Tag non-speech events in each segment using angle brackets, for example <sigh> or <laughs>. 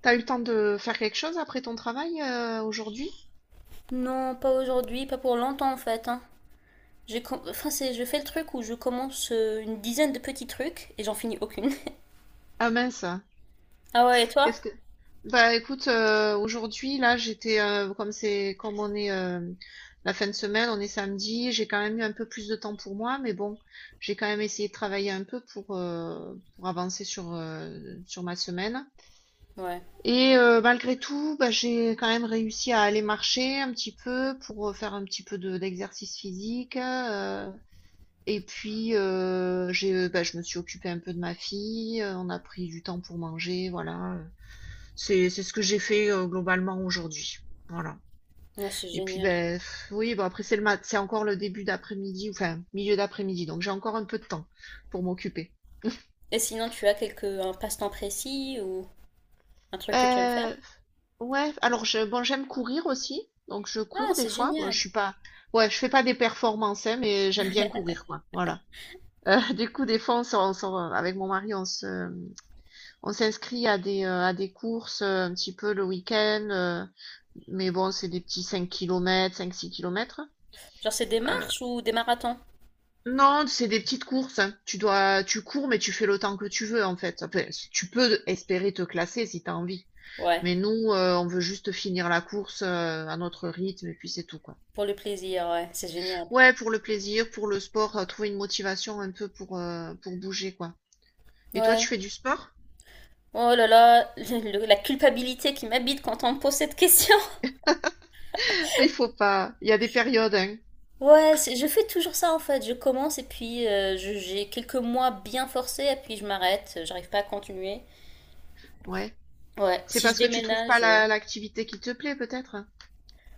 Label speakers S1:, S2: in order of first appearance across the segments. S1: T'as eu le temps de faire quelque chose après ton travail aujourd'hui?
S2: Non, pas aujourd'hui, pas pour longtemps en fait, hein. Je fais le truc où je commence une dizaine de petits trucs et j'en finis aucune. <laughs>
S1: Ah mince.
S2: Ah ouais, et toi?
S1: Qu'est-ce que Bah écoute, aujourd'hui là j'étais comme c'est comme on est la fin de semaine, on est samedi, j'ai quand même eu un peu plus de temps pour moi, mais bon, j'ai quand même essayé de travailler un peu pour avancer sur ma semaine.
S2: Ouais.
S1: Et malgré tout, bah, j'ai quand même réussi à aller marcher un petit peu pour faire un petit peu de d'exercice physique. Et puis, je me suis occupée un peu de ma fille, on a pris du temps pour manger, voilà. C'est ce que j'ai fait, globalement aujourd'hui. Voilà.
S2: Ouais, c'est
S1: Et puis,
S2: génial.
S1: beh, oui, bon après c'est encore le début d'après-midi, enfin, milieu d'après-midi, donc j'ai encore un peu de temps pour m'occuper.
S2: Et sinon, tu as quelque un passe-temps précis ou un truc que tu aimes faire?
S1: Heu, ouais, alors j'aime courir aussi, donc je
S2: Ah,
S1: cours des
S2: c'est
S1: fois. Bon, je
S2: génial.
S1: suis pas Ouais, je fais pas des performances, hein, mais j'aime bien courir, quoi, voilà. <laughs> Du coup, des fois, on sort, on se avec mon mari, on s'inscrit à des courses, un petit peu le week-end, mais bon, c'est des petits 5 kilomètres, cinq 6 kilomètres.
S2: Genre, c'est des
S1: Heu,
S2: marches ou des marathons?
S1: non, c'est des petites courses, hein. Tu cours, mais tu fais le temps que tu veux, en fait. Enfin, tu peux espérer te classer si tu as envie.
S2: Ouais,
S1: Mais nous, on veut juste finir la course, à notre rythme et puis c'est tout, quoi.
S2: pour le plaisir, ouais, c'est génial.
S1: Ouais, pour le plaisir, pour le sport, trouver une motivation un peu pour bouger, quoi. Et toi,
S2: Ouais.
S1: tu fais du sport?
S2: Oh là là, <laughs> la culpabilité qui m'habite quand on me pose cette question.
S1: <laughs> Il faut pas. Il y a des périodes, hein.
S2: Ouais, je fais toujours ça en fait. Je commence et puis j'ai quelques mois bien forcés et puis je m'arrête. J'arrive pas à continuer.
S1: Ouais.
S2: Ouais,
S1: C'est
S2: si je
S1: parce que tu trouves pas
S2: déménage.
S1: l'activité qui te plaît, peut-être?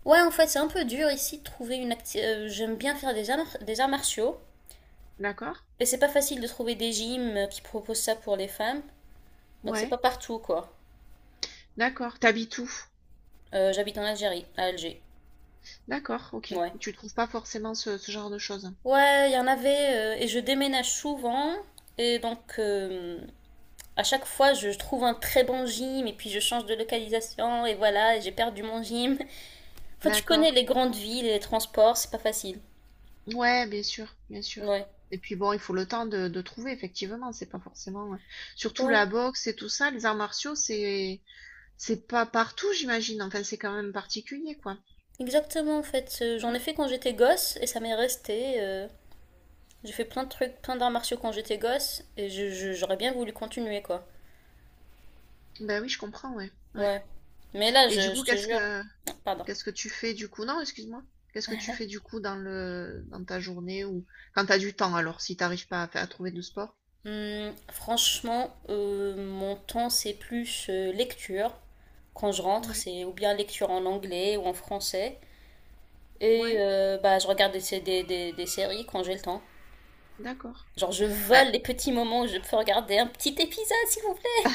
S2: Ouais, en fait, c'est un peu dur ici de trouver une j'aime bien faire des arts martiaux.
S1: D'accord?
S2: Et c'est pas facile de trouver des gyms qui proposent ça pour les femmes. Donc c'est pas
S1: Ouais.
S2: partout quoi.
S1: D'accord. T'habites où?
S2: J'habite en Algérie, à Alger.
S1: D'accord, ok.
S2: Ouais.
S1: Tu trouves pas forcément ce genre de choses.
S2: Ouais, il y en avait et je déménage souvent. Et donc, à chaque fois, je trouve un très bon gym et puis je change de localisation et voilà, et j'ai perdu mon gym. Enfin, tu
S1: D'accord.
S2: connais les grandes villes et les transports, c'est pas facile.
S1: Ouais, bien sûr, bien sûr.
S2: Ouais.
S1: Et puis bon, il faut le temps de trouver, effectivement. C'est pas forcément. Surtout
S2: Ouais.
S1: la boxe et tout ça, les arts martiaux, c'est pas partout, j'imagine. Enfin, c'est quand même particulier, quoi.
S2: Exactement, en fait. J'en ai
S1: Mm.
S2: fait quand j'étais gosse et ça m'est resté. J'ai fait plein de trucs, plein d'arts martiaux quand j'étais gosse et j'aurais bien voulu continuer, quoi.
S1: Ben oui, je comprends, ouais. Ouais.
S2: Ouais. Mais là,
S1: Et du coup,
S2: je te jure. Pardon.
S1: qu'est-ce que tu fais du coup? Non, excuse-moi. Qu'est-ce que tu fais du coup dans ta journée ou quand t'as du temps alors si t'arrives pas à trouver de sport?
S2: Franchement, mon temps, c'est plus lecture. Quand je rentre,
S1: Ouais,
S2: c'est ou bien lecture en anglais ou en français. Et
S1: ouais,
S2: je regarde des séries quand j'ai le temps.
S1: d'accord.
S2: Genre, je
S1: Bah,
S2: vole les petits moments où je peux regarder un petit épisode, s'il vous plaît.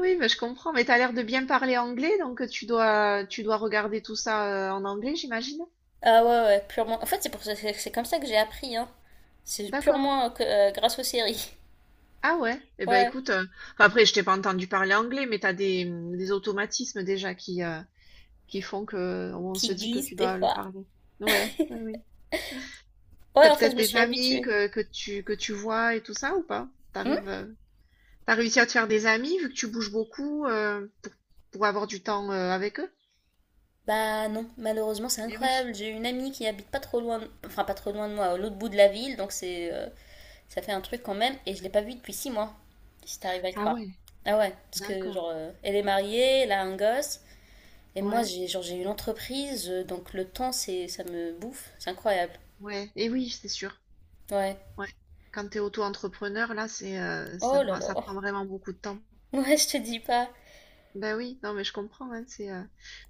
S1: oui, mais je comprends. Mais t'as l'air de bien parler anglais, donc tu dois regarder tout ça en anglais, j'imagine.
S2: Ah ouais, ouais, purement. En fait, c'est comme ça que j'ai appris, hein. C'est
S1: D'accord.
S2: purement grâce aux séries. <laughs>
S1: Ah ouais. Eh ben
S2: Ouais,
S1: écoute, enfin, après je t'ai pas entendu parler anglais, mais t'as des automatismes déjà qui font que on se
S2: qui
S1: dit que
S2: glissent
S1: tu
S2: des
S1: dois le
S2: fois.
S1: parler. Ouais, ouais, oui.
S2: Ouais,
S1: T'as
S2: en fait, je
S1: peut-être
S2: me
S1: des
S2: suis
S1: amis
S2: habituée.
S1: que tu vois et tout ça ou pas?
S2: Hmm
S1: T'as réussi à te faire des amis vu que tu bouges beaucoup pour avoir du temps avec eux?
S2: Bah non, malheureusement, c'est
S1: Eh oui.
S2: incroyable. J'ai une amie qui habite pas trop loin, enfin pas trop loin de moi, à l'autre bout de la ville, donc c'est, ça fait un truc quand même. Et je l'ai pas vue depuis 6 mois, si t'arrives à le
S1: Ah
S2: croire.
S1: ouais,
S2: Ah ouais, parce que
S1: d'accord.
S2: genre, elle est mariée, elle a un gosse. Et moi,
S1: Ouais,
S2: j'ai une entreprise, donc le temps, c'est ça me bouffe. C'est incroyable.
S1: ouais. Eh oui, c'est sûr.
S2: Ouais.
S1: Ouais. Quand t'es auto-entrepreneur, là,
S2: Oh là là.
S1: ça prend
S2: <laughs>
S1: vraiment beaucoup de temps.
S2: Ouais, je te dis pas.
S1: Ben oui, non, mais je comprends, hein.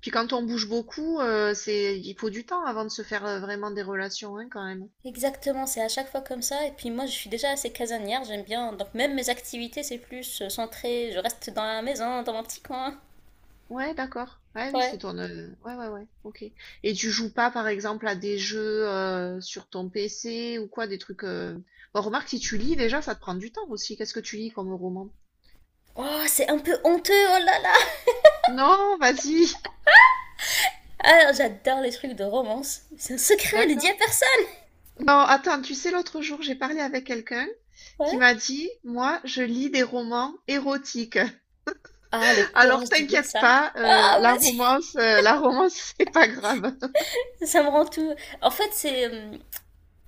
S1: Puis quand on bouge beaucoup, il faut du temps avant de se faire vraiment des relations, hein, quand même.
S2: Exactement, c'est à chaque fois comme ça. Et puis moi, je suis déjà assez casanière, j'aime bien. Donc même mes activités, c'est plus centré. Je reste dans la maison, dans mon petit coin.
S1: Ouais, d'accord. Ouais, oui,
S2: Ouais.
S1: c'est ton. Ouais, ouais, ouais. Ok. Et tu joues pas, par exemple, à des jeux sur ton PC ou quoi, des trucs. Bon, remarque, si tu lis déjà, ça te prend du temps aussi. Qu'est-ce que tu lis comme roman?
S2: Oh, c'est un peu honteux, oh là là.
S1: Non, vas-y. <laughs>
S2: Ah, j'adore les trucs de romance. C'est un secret, ne dis
S1: D'accord.
S2: à personne.
S1: Non, attends, tu sais, l'autre jour, j'ai parlé avec quelqu'un qui m'a
S2: Ouais.
S1: dit, moi, je lis des romans érotiques.
S2: Ah, le
S1: <laughs> Alors,
S2: courage de dire
S1: t'inquiète
S2: ça.
S1: pas,
S2: Ah,
S1: la
S2: vas-y.
S1: romance, euh, la romance, <laughs> c'est pas grave.
S2: <laughs> Ça me rend tout. En fait,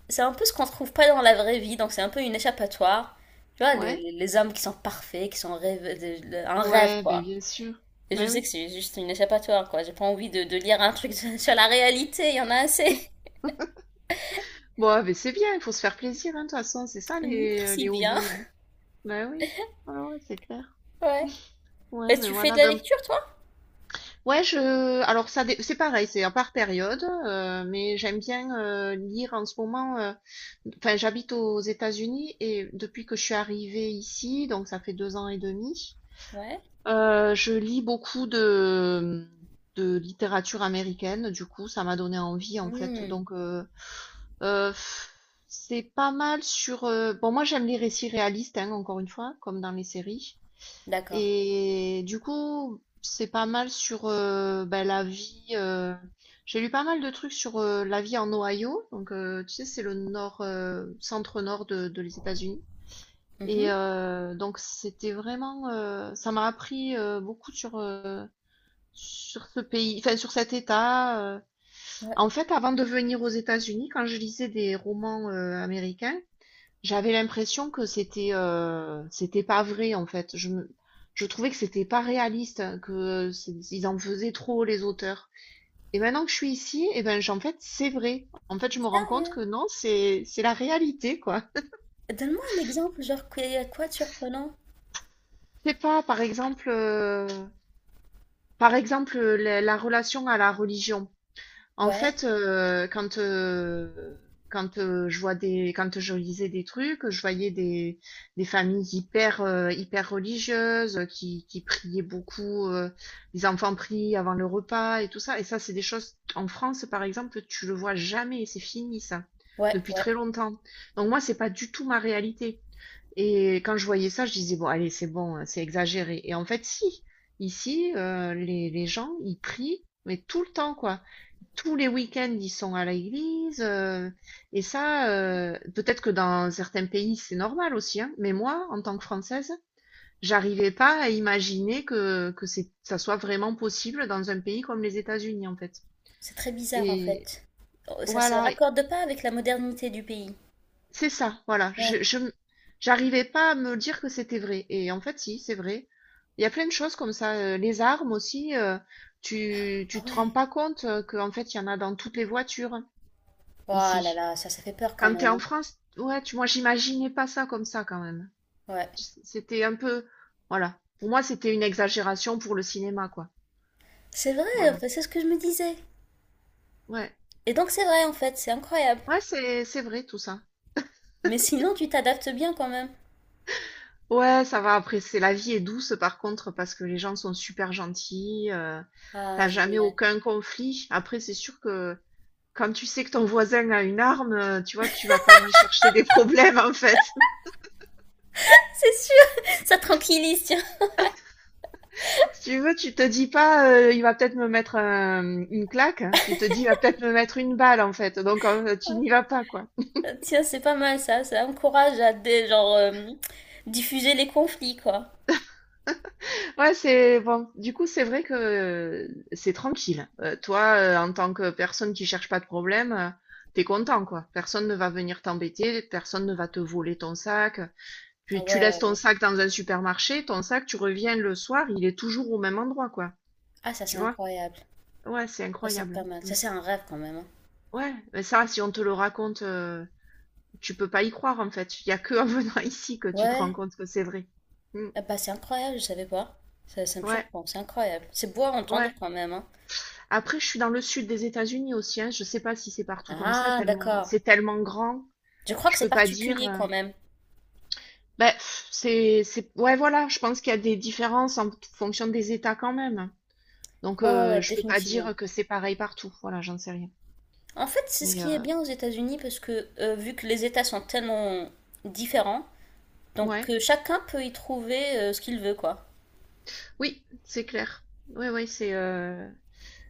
S2: c'est un peu ce qu'on ne trouve pas dans la vraie vie, donc c'est un peu une échappatoire. Tu vois,
S1: Ouais.
S2: les hommes qui sont parfaits, qui sont rêve, un rêve,
S1: Ouais, ben
S2: quoi.
S1: bien sûr.
S2: Et je
S1: Ben
S2: sais
S1: oui.
S2: que c'est juste une échappatoire, quoi. J'ai pas envie de lire un truc <laughs> sur la réalité, il y en a assez.
S1: Bon, ah, mais c'est bien, il faut se faire plaisir, hein, de toute façon, c'est ça
S2: <laughs>
S1: les, euh,
S2: Merci
S1: les
S2: bien.
S1: hobbies, hein. Bah oui, ouais, ouais, c'est clair.
S2: Ouais.
S1: Ouais,
S2: Et
S1: mais
S2: tu fais de
S1: voilà.
S2: la
S1: Ben,
S2: lecture, toi?
S1: ouais, je. Alors ça, c'est pareil, c'est par période, mais j'aime bien lire en ce moment. Enfin, j'habite aux États-Unis et depuis que je suis arrivée ici, donc ça fait 2 ans et demi,
S2: Ouais.
S1: je lis beaucoup de littérature américaine. Du coup, ça m'a donné envie en fait.
S2: Hmm,
S1: Euh, pff, c'est pas mal sur. Bon, moi j'aime les récits réalistes, hein, encore une fois, comme dans les séries.
S2: d'accord.
S1: Et du coup, c'est pas mal sur ben, la vie. J'ai lu pas mal de trucs sur la vie en Ohio. Donc, tu sais, c'est le nord, centre-nord de les États-Unis. Et
S2: Mhm.
S1: donc, c'était vraiment. Ça m'a appris beaucoup sur ce pays, enfin, sur cet État.
S2: Ouais.
S1: En fait, avant de venir aux États-Unis, quand je lisais des romans américains, j'avais l'impression que c'était pas vrai en fait. Je trouvais que c'était pas réaliste, hein, ils en faisaient trop les auteurs. Et maintenant que je suis ici, eh ben en fait c'est vrai. En fait, je me rends compte que
S2: Sérieux?
S1: non, c'est la réalité quoi.
S2: Donne-moi un exemple, genre, quoi de surprenant?
S1: C'est pas Par exemple, la relation à la religion. En
S2: Ouais.
S1: fait, je vois des quand je lisais des trucs, je voyais des familles hyper, hyper religieuses, qui priaient beaucoup, les enfants prient avant le repas et tout ça, et ça, c'est des choses en France, par exemple, tu le vois jamais, c'est fini ça,
S2: Ouais,
S1: depuis
S2: ouais.
S1: très longtemps. Donc moi, c'est pas du tout ma réalité. Et quand je voyais ça, je disais, bon, allez, c'est bon, hein, c'est exagéré. Et en fait, si, ici, les gens, ils prient, mais tout le temps, quoi. Tous les week-ends, ils sont à l'église. Et ça, peut-être que dans certains pays, c'est normal aussi, hein, mais moi, en tant que Française, j'arrivais pas à imaginer que ça soit vraiment possible dans un pays comme les États-Unis, en fait.
S2: C'est très bizarre, en
S1: Et
S2: fait. Oh, ça se
S1: voilà.
S2: raccorde pas avec la modernité du pays.
S1: C'est ça, voilà.
S2: Ouais.
S1: J'arrivais pas à me dire que c'était vrai. Et en fait, si, c'est vrai. Il y a plein de choses comme ça. Les armes aussi, tu,
S2: Ah
S1: tu te rends
S2: ouais.
S1: pas compte qu'en fait, il y en a dans toutes les voitures, hein,
S2: Oh là
S1: ici.
S2: là, ça fait peur quand
S1: Quand t'es
S2: même,
S1: en
S2: hein.
S1: France, ouais, moi, j'imaginais pas ça comme ça quand même.
S2: Ouais.
S1: C'était un peu, voilà. Pour moi, c'était une exagération pour le cinéma, quoi.
S2: C'est vrai, en
S1: Voilà.
S2: fait, c'est ce que je me disais.
S1: Ouais.
S2: Et donc c'est vrai, en fait, c'est incroyable.
S1: Ouais, c'est vrai tout ça.
S2: Mais sinon, tu t'adaptes bien quand même.
S1: Ouais, ça va. Après, c'est la vie est douce par contre parce que les gens sont super gentils.
S2: Ah,
S1: T'as jamais
S2: génial.
S1: aucun conflit. Après, c'est sûr que quand tu sais que ton voisin a une arme, tu vois, tu vas pas lui chercher des problèmes en fait. <laughs>
S2: C'est sûr, <laughs> ça tranquillise, tiens.
S1: Si tu veux, tu te dis pas, il va peut-être me mettre une claque. Tu te dis, il va peut-être me mettre une balle en fait. Donc, tu
S2: Ah,
S1: n'y vas pas quoi.
S2: tiens, c'est pas mal ça, ça encourage à des, genre, diffuser les conflits, quoi.
S1: Ouais, c'est bon. Du coup, c'est vrai que c'est tranquille. Toi, en tant que personne qui cherche pas de problème, t'es content, quoi. Personne ne va venir t'embêter, personne ne va te voler ton sac.
S2: Ah
S1: Puis tu
S2: ouais,
S1: laisses
S2: ouais,
S1: ton
S2: ouais.
S1: sac dans un supermarché, ton sac, tu reviens le soir, il est toujours au même endroit, quoi.
S2: Ah, ça
S1: Tu
S2: c'est
S1: vois?
S2: incroyable,
S1: Ouais, c'est
S2: ça c'est
S1: incroyable.
S2: pas mal,
S1: Mm.
S2: ça c'est un rêve quand même, hein.
S1: Ouais, mais ça, si on te le raconte, tu peux pas y croire, en fait. Il y a que en <laughs> venant ici que tu te rends
S2: Ouais.
S1: compte que c'est vrai. Mm.
S2: Ah bah c'est incroyable, je savais pas, ça me
S1: Ouais,
S2: surprend, c'est incroyable, c'est beau à entendre
S1: ouais.
S2: quand même, hein.
S1: Après, je suis dans le sud des États-Unis aussi, hein. Je sais pas si c'est partout comme ça,
S2: Ah
S1: tellement
S2: d'accord,
S1: c'est tellement grand,
S2: je crois que
S1: je
S2: c'est
S1: peux pas dire.
S2: particulier quand même.
S1: Ben, pff, c'est ouais voilà, je pense qu'il y a des différences en fonction des États quand même, hein. Donc
S2: Ouais, ouais, ouais,
S1: je peux pas
S2: définitivement.
S1: dire que c'est pareil partout. Voilà, j'en sais rien.
S2: En fait, c'est ce
S1: Mais
S2: qui est bien aux États-Unis parce que vu que les États sont tellement différents, donc
S1: ouais,
S2: chacun peut y trouver ce qu'il veut, quoi.
S1: oui, c'est clair. Oui, oui, c'est.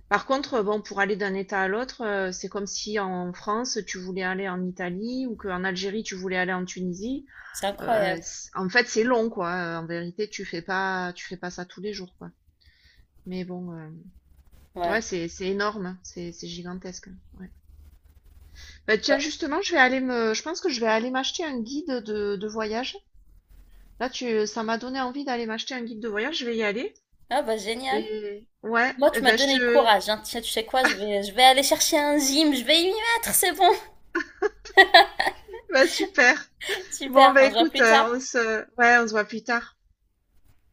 S1: Par contre, bon, pour aller d'un État à l'autre, c'est comme si en France tu voulais aller en Italie ou qu'en Algérie tu voulais aller en Tunisie.
S2: C'est incroyable.
S1: C En fait, c'est long, quoi, en vérité, tu fais pas ça tous les jours, quoi. Mais bon, ouais,
S2: Ouais.
S1: c'est énorme, hein, c'est gigantesque, hein, ouais. Bah,
S2: Ouais.
S1: tiens, justement, je pense que je vais aller m'acheter un guide de voyage. Là, tu ça m'a donné envie d'aller m'acheter un guide de voyage, je vais y aller
S2: Ah bah génial.
S1: et ouais,
S2: Moi,
S1: et
S2: tu m'as
S1: bah, je
S2: donné le
S1: te
S2: courage, hein. Tu sais quoi,
S1: <laughs>
S2: je vais aller chercher un gym, je vais y mettre, c'est bon.
S1: bah, super.
S2: <laughs>
S1: Bon,
S2: Super,
S1: bah,
S2: on se voit
S1: écoute,
S2: plus
S1: on
S2: tard.
S1: se ouais, on se voit plus tard.